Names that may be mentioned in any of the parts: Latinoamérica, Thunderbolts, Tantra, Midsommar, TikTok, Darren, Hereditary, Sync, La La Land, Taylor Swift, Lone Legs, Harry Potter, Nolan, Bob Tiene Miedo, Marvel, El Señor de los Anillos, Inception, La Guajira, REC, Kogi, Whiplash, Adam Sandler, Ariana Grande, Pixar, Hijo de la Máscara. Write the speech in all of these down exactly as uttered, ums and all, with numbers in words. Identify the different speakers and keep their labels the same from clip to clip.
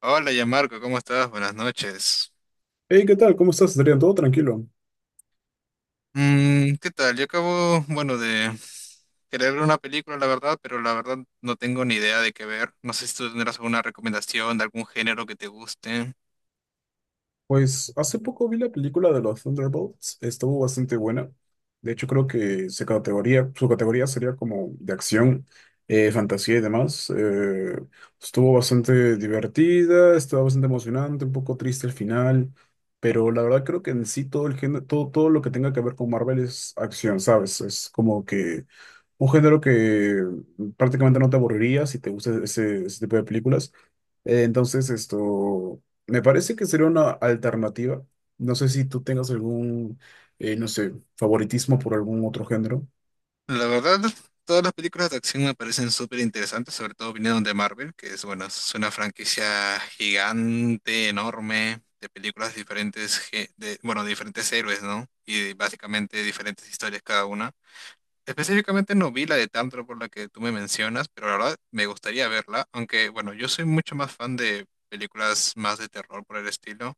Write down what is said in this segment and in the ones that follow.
Speaker 1: Hola, ya Marco, ¿cómo estás? Buenas noches.
Speaker 2: Hey, ¿qué tal? ¿Cómo estás, Adrián? ¿Todo tranquilo?
Speaker 1: Mm, ¿qué tal? Yo acabo, bueno, de querer ver una película, la verdad, pero la verdad no tengo ni idea de qué ver. No sé si tú tendrás alguna recomendación de algún género que te guste.
Speaker 2: Pues hace poco vi la película de los Thunderbolts, estuvo bastante buena. De hecho, creo que se categoría, su categoría sería como de acción, eh, fantasía y demás. Eh, estuvo bastante divertida, estaba bastante emocionante, un poco triste al final, pero la verdad creo que en sí todo el género, todo, todo lo que tenga que ver con Marvel es acción, ¿sabes? Es como que un género que prácticamente no te aburriría si te gusta ese, ese tipo de películas. Eh, Entonces, esto me parece que sería una alternativa. No sé si tú tengas algún, eh, no sé, favoritismo por algún otro género.
Speaker 1: La verdad, todas las películas de acción me parecen súper interesantes, sobre todo vinieron de Marvel, que es, bueno, es una franquicia gigante, enorme, de películas diferentes, ge- de, bueno, de diferentes héroes, ¿no? Y básicamente diferentes historias cada una. Específicamente no vi la de Tantra por la que tú me mencionas, pero la verdad me gustaría verla, aunque bueno, yo soy mucho más fan de películas más de terror por el estilo.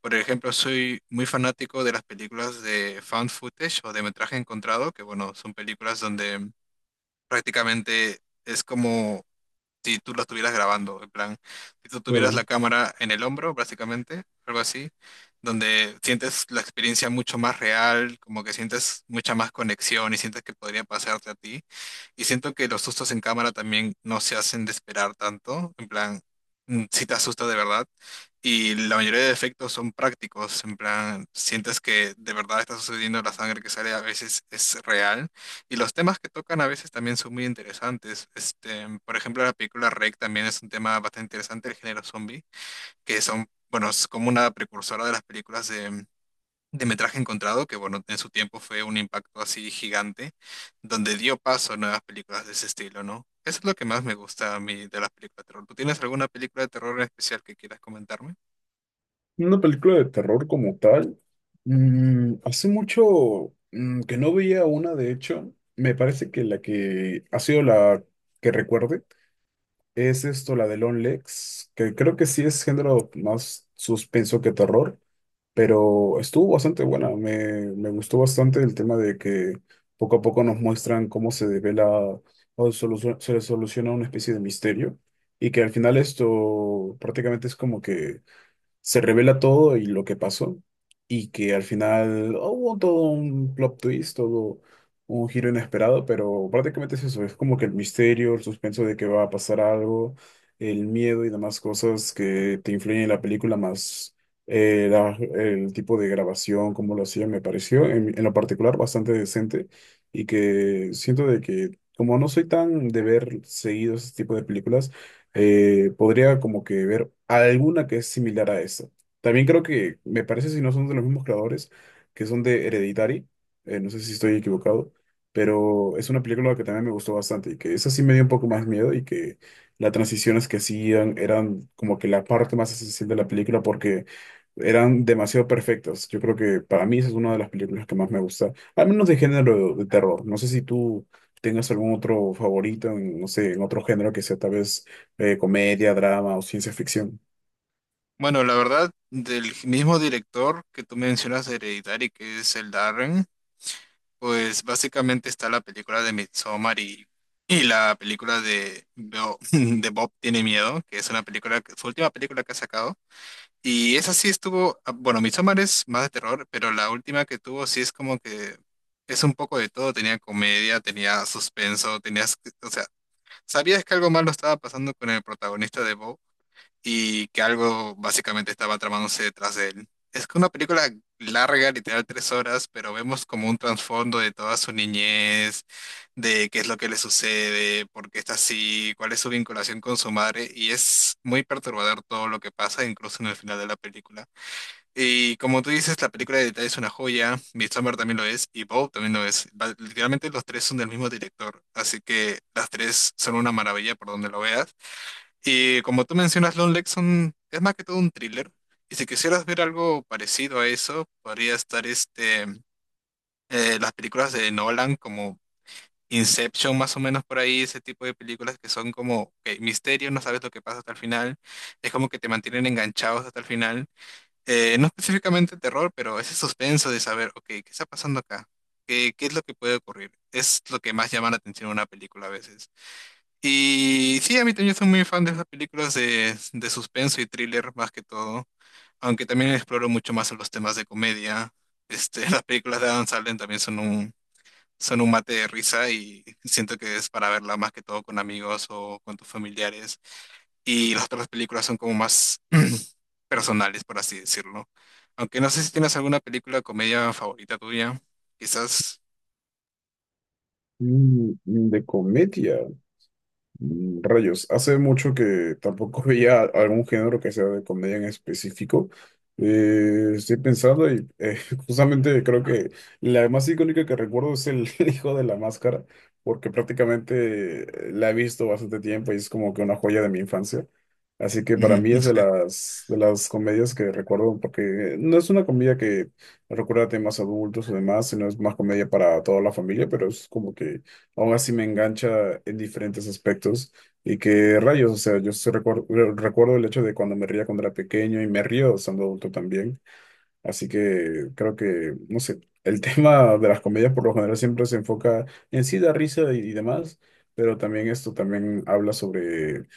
Speaker 1: Por ejemplo, soy muy fanático de las películas de found footage o de metraje encontrado, que bueno, son películas donde prácticamente es como si tú la estuvieras grabando, en plan, si tú tuvieras
Speaker 2: Claro.
Speaker 1: la cámara en el hombro, básicamente, algo así, donde sientes la experiencia mucho más real, como que sientes mucha más conexión y sientes que podría pasarte a ti. Y siento que los sustos en cámara también no se hacen de esperar tanto, en plan, mm, si te asusta de verdad. Y la mayoría de efectos son prácticos, en plan, sientes que de verdad está sucediendo, la sangre que sale a veces es real. Y los temas que tocan a veces también son muy interesantes. Este, por ejemplo, la película REC también es un tema bastante interesante del género zombie, que son, bueno, es como una precursora de las películas de, de metraje encontrado, que bueno, en su tiempo fue un impacto así gigante, donde dio paso a nuevas películas de ese estilo, ¿no? Eso es lo que más me gusta a mí de las películas de terror. ¿Tú tienes alguna película de terror en especial que quieras comentarme?
Speaker 2: Una película de terror como tal. Mm, hace mucho mm, que no veía una, de hecho. Me parece que la que ha sido la que recuerde es esto, la de Lone Legs, que creo que sí es género más suspenso que terror, pero estuvo bastante buena. Me, me gustó bastante el tema de que poco a poco nos muestran cómo se devela o solu- se soluciona una especie de misterio, y que al final esto prácticamente es como que se revela todo y lo que pasó, y que al final oh, hubo todo un plot twist, todo un giro inesperado, pero prácticamente es eso, es como que el misterio, el suspenso de que va a pasar algo, el miedo y demás cosas que te influyen en la película, más eh, la- el tipo de grabación, cómo lo hacían, me pareció en, en lo particular bastante decente, y que siento de que... Como no soy tan de ver seguido ese tipo de películas, eh, podría como que ver alguna que es similar a esa. También creo que, me parece si no son de los mismos creadores, que son de Hereditary, eh, no sé si estoy equivocado, pero es una película que también me gustó bastante y que esa sí me dio un poco más miedo, y que las transiciones que hacían eran como que la parte más esencial de la película porque eran demasiado perfectas. Yo creo que para mí esa es una de las películas que más me gusta, al menos de género de terror. No sé si tú tengas algún otro favorito, en, no sé, en otro género que sea tal vez eh, comedia, drama o ciencia ficción.
Speaker 1: Bueno, la verdad, del mismo director que tú mencionas de Hereditary, que es el Darren, pues básicamente está la película de Midsommar y, y la película de, Bo- de Bob Tiene Miedo, que es una película, que- su última película que ha sacado. Y esa sí estuvo, ah, bueno, Midsommar es más de terror, pero la última que tuvo sí es como que es un poco de todo. Tenía comedia, tenía suspenso, tenías, que- o sea, sabías que algo malo estaba pasando con el protagonista de Bob y que algo básicamente estaba tramándose detrás de él. Es que una película larga, literal tres horas, pero vemos como un trasfondo de toda su niñez, de qué es lo que le sucede, por qué está así, cuál es su vinculación con su madre, y es muy perturbador todo lo que pasa, incluso en el final de la película. Y como tú dices, la película de detalle es una joya, Midsommar también lo es, y Bob también lo es. Va- Literalmente los tres son del mismo director, así que las tres son una maravilla por donde lo veas. Y como tú mencionas, Lone Lexon es más que todo un thriller. Y si quisieras ver algo parecido a eso, podría estar este, eh, las películas de Nolan, como Inception, más o menos por ahí, ese tipo de películas que son como ok, misterio, no sabes lo que pasa hasta el final. Es como que te mantienen enganchados hasta el final. Eh, no específicamente terror, pero ese suspenso de saber, ok, ¿qué está pasando acá? ¿Qué, ¿qué es lo que puede ocurrir? Es lo que más llama la atención en una película a veces. Y sí, a mí también soy muy fan de esas películas de, de suspenso y thriller más que todo, aunque también exploro mucho más los temas de comedia. Este, las películas de Adam Sandler también son un, son un mate de risa y siento que es para verla más que todo con amigos o con tus familiares. Y las otras películas son como más personales, por así decirlo. Aunque no sé si tienes alguna película de comedia favorita tuya, quizás.
Speaker 2: Mm, de comedia. Mm, rayos, hace mucho que tampoco veía algún género que sea de comedia en específico. Eh, estoy pensando y eh, justamente creo que la más icónica que recuerdo es el Hijo de la Máscara, porque prácticamente eh, la he visto bastante tiempo y es como que una joya de mi infancia. Así que para mí es de
Speaker 1: Ujú.
Speaker 2: las, de las comedias que recuerdo, porque no es una comedia que recuerda temas adultos o demás, sino es más comedia para toda la familia, pero es como que aún así me engancha en diferentes aspectos. Y que rayos, o sea, yo sí recuer- recuerdo el hecho de cuando me reía cuando era pequeño y me río estando adulto también. Así que creo que, no sé, el tema de las comedias por lo general siempre se enfoca en sí, da risa y, y demás, pero también esto también habla sobre, eh,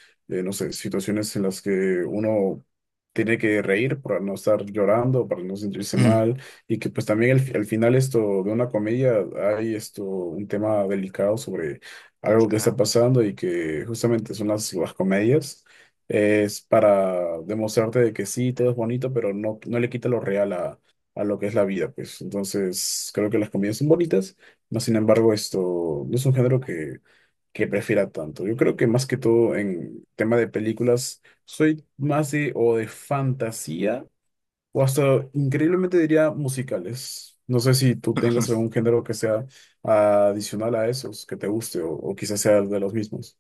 Speaker 2: no sé, situaciones en las que uno tiene que reír para no estar llorando, para no sentirse mal, y que pues también al al final esto de una comedia hay esto, un tema delicado sobre algo que
Speaker 1: Claro.
Speaker 2: está pasando y que justamente son las, las comedias. Es para demostrarte de que sí, todo es bonito, pero no, no le quita lo real a, a lo que es la vida, pues. Entonces, creo que las comedias son bonitas, no sin embargo, esto no es un género que, que prefiera tanto. Yo creo que más que todo en tema de películas, soy más de o de fantasía o hasta increíblemente diría musicales. No sé si tú tengas algún género que sea adicional a esos que te guste o, o quizás sea de los mismos.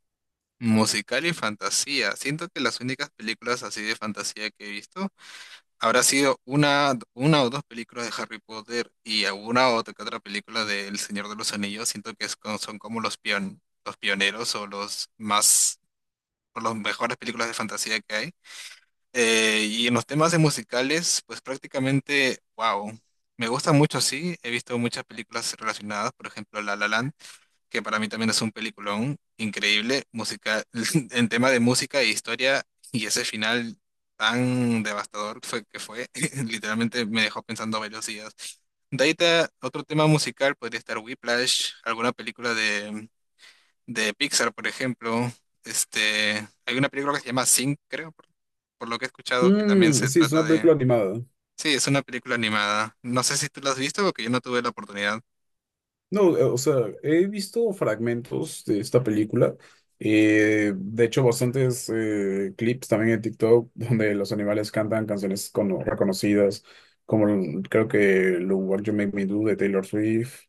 Speaker 1: Musical y fantasía. Siento que las únicas películas así de fantasía que he visto habrá sido una, una o dos películas de Harry Potter y alguna otra que otra película de El Señor de los Anillos. Siento que es co- son como los pion, los pioneros o los más, o las mejores películas de fantasía que hay. Eh, y en los temas de musicales, pues prácticamente, wow. Me gusta mucho, sí. He visto muchas películas relacionadas, por ejemplo, La La Land que para mí también es un peliculón increíble, música, en tema de música e historia, y ese final tan devastador fue que fue, literalmente me dejó pensando varios días. De ahí ta- otro tema musical podría estar Whiplash, alguna película de, de Pixar, por ejemplo. Este, hay una película que se llama Sync, creo, por, por lo que he escuchado, que también
Speaker 2: Mm,
Speaker 1: se
Speaker 2: sí, es
Speaker 1: trata
Speaker 2: una
Speaker 1: de...
Speaker 2: película animada.
Speaker 1: Sí, es una película animada. No sé si tú la has visto porque yo no tuve la oportunidad.
Speaker 2: No, eh, o sea, he visto fragmentos de esta película, eh, de hecho, bastantes eh, clips también en TikTok donde los animales cantan canciones cono- reconocidas, como el- creo que Lo What You Made Me Do de Taylor Swift,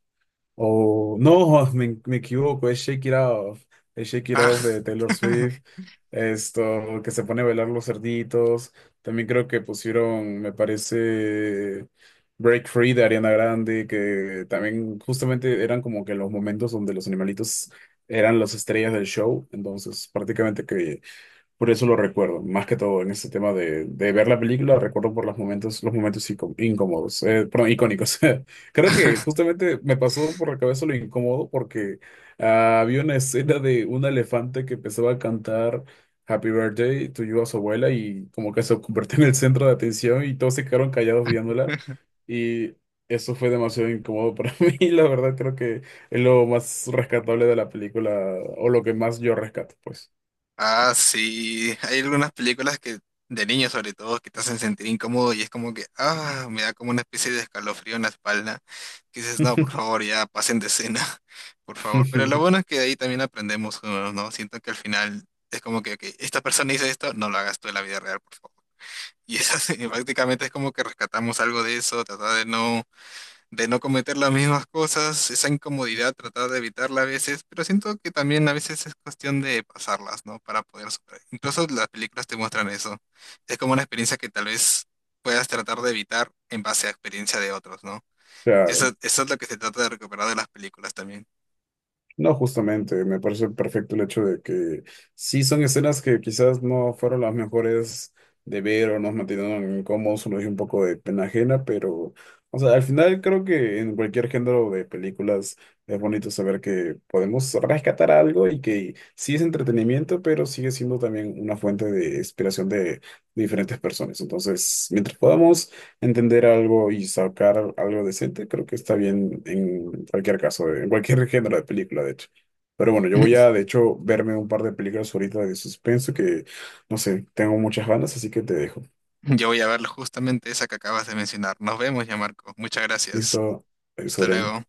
Speaker 2: o no, me, me equivoco, es Shake It Off. Es Shake It Off
Speaker 1: Ah.
Speaker 2: de Taylor Swift. Esto, que se pone a bailar los cerditos. También creo que pusieron, me parece, Break Free de Ariana Grande, que también justamente eran como que los momentos donde los animalitos eran las estrellas del show. Entonces, prácticamente que por eso lo recuerdo, más que todo en ese tema de, de ver la película, recuerdo por los momentos, los momentos incó- incómodos, eh, perdón, icónicos. Creo que justamente me pasó por la cabeza lo incómodo porque ah, había una escena de un elefante que empezaba a cantar Happy Birthday to you a su abuela y como que se convirtió en el centro de atención y todos se quedaron callados viéndola, y eso fue demasiado incómodo para mí, la verdad creo que es lo más rescatable de la película o lo que más yo rescato, pues.
Speaker 1: Ah, sí, hay algunas películas que, de niños sobre todo, que te hacen sentir incómodo y es como que, ah, me da como una especie de escalofrío en la espalda, que dices, no, por favor, ya pasen de escena, por favor. Pero lo bueno es que de ahí también aprendemos, juntos, ¿no? Siento que al final es como que, ok, esta persona hizo esto, no lo hagas tú en la vida real, por favor. Y es así, prácticamente es como que rescatamos algo de eso, tratar de no de no cometer las mismas cosas, esa incomodidad, tratar de evitarla a veces, pero siento que también a veces es cuestión de pasarlas, ¿no? Para poder superar. Incluso las películas te muestran eso. Es como una experiencia que tal vez puedas tratar de evitar en base a experiencia de otros, ¿no? Eso,
Speaker 2: Claro,
Speaker 1: eso es lo que se trata de recuperar de las películas también.
Speaker 2: no, justamente, me parece perfecto el hecho de que sí son escenas que quizás no fueron las mejores de ver o nos mantuvieron incómodos, o nos dio un poco de pena ajena, pero, o sea, al final creo que en cualquier género de películas es bonito saber que podemos rescatar algo y que sí es entretenimiento, pero sigue siendo también una fuente de inspiración de diferentes personas. Entonces, mientras podamos entender algo y sacar algo decente, creo que está bien en cualquier caso, eh, en cualquier género de película, de hecho. Pero bueno, yo voy a, de hecho, verme un par de películas ahorita de suspenso que, no sé, tengo muchas ganas, así que te dejo.
Speaker 1: Yo voy a ver justamente esa que acabas de mencionar. Nos vemos ya, Marco. Muchas gracias.
Speaker 2: Listo,
Speaker 1: Hasta
Speaker 2: Adrián.
Speaker 1: luego.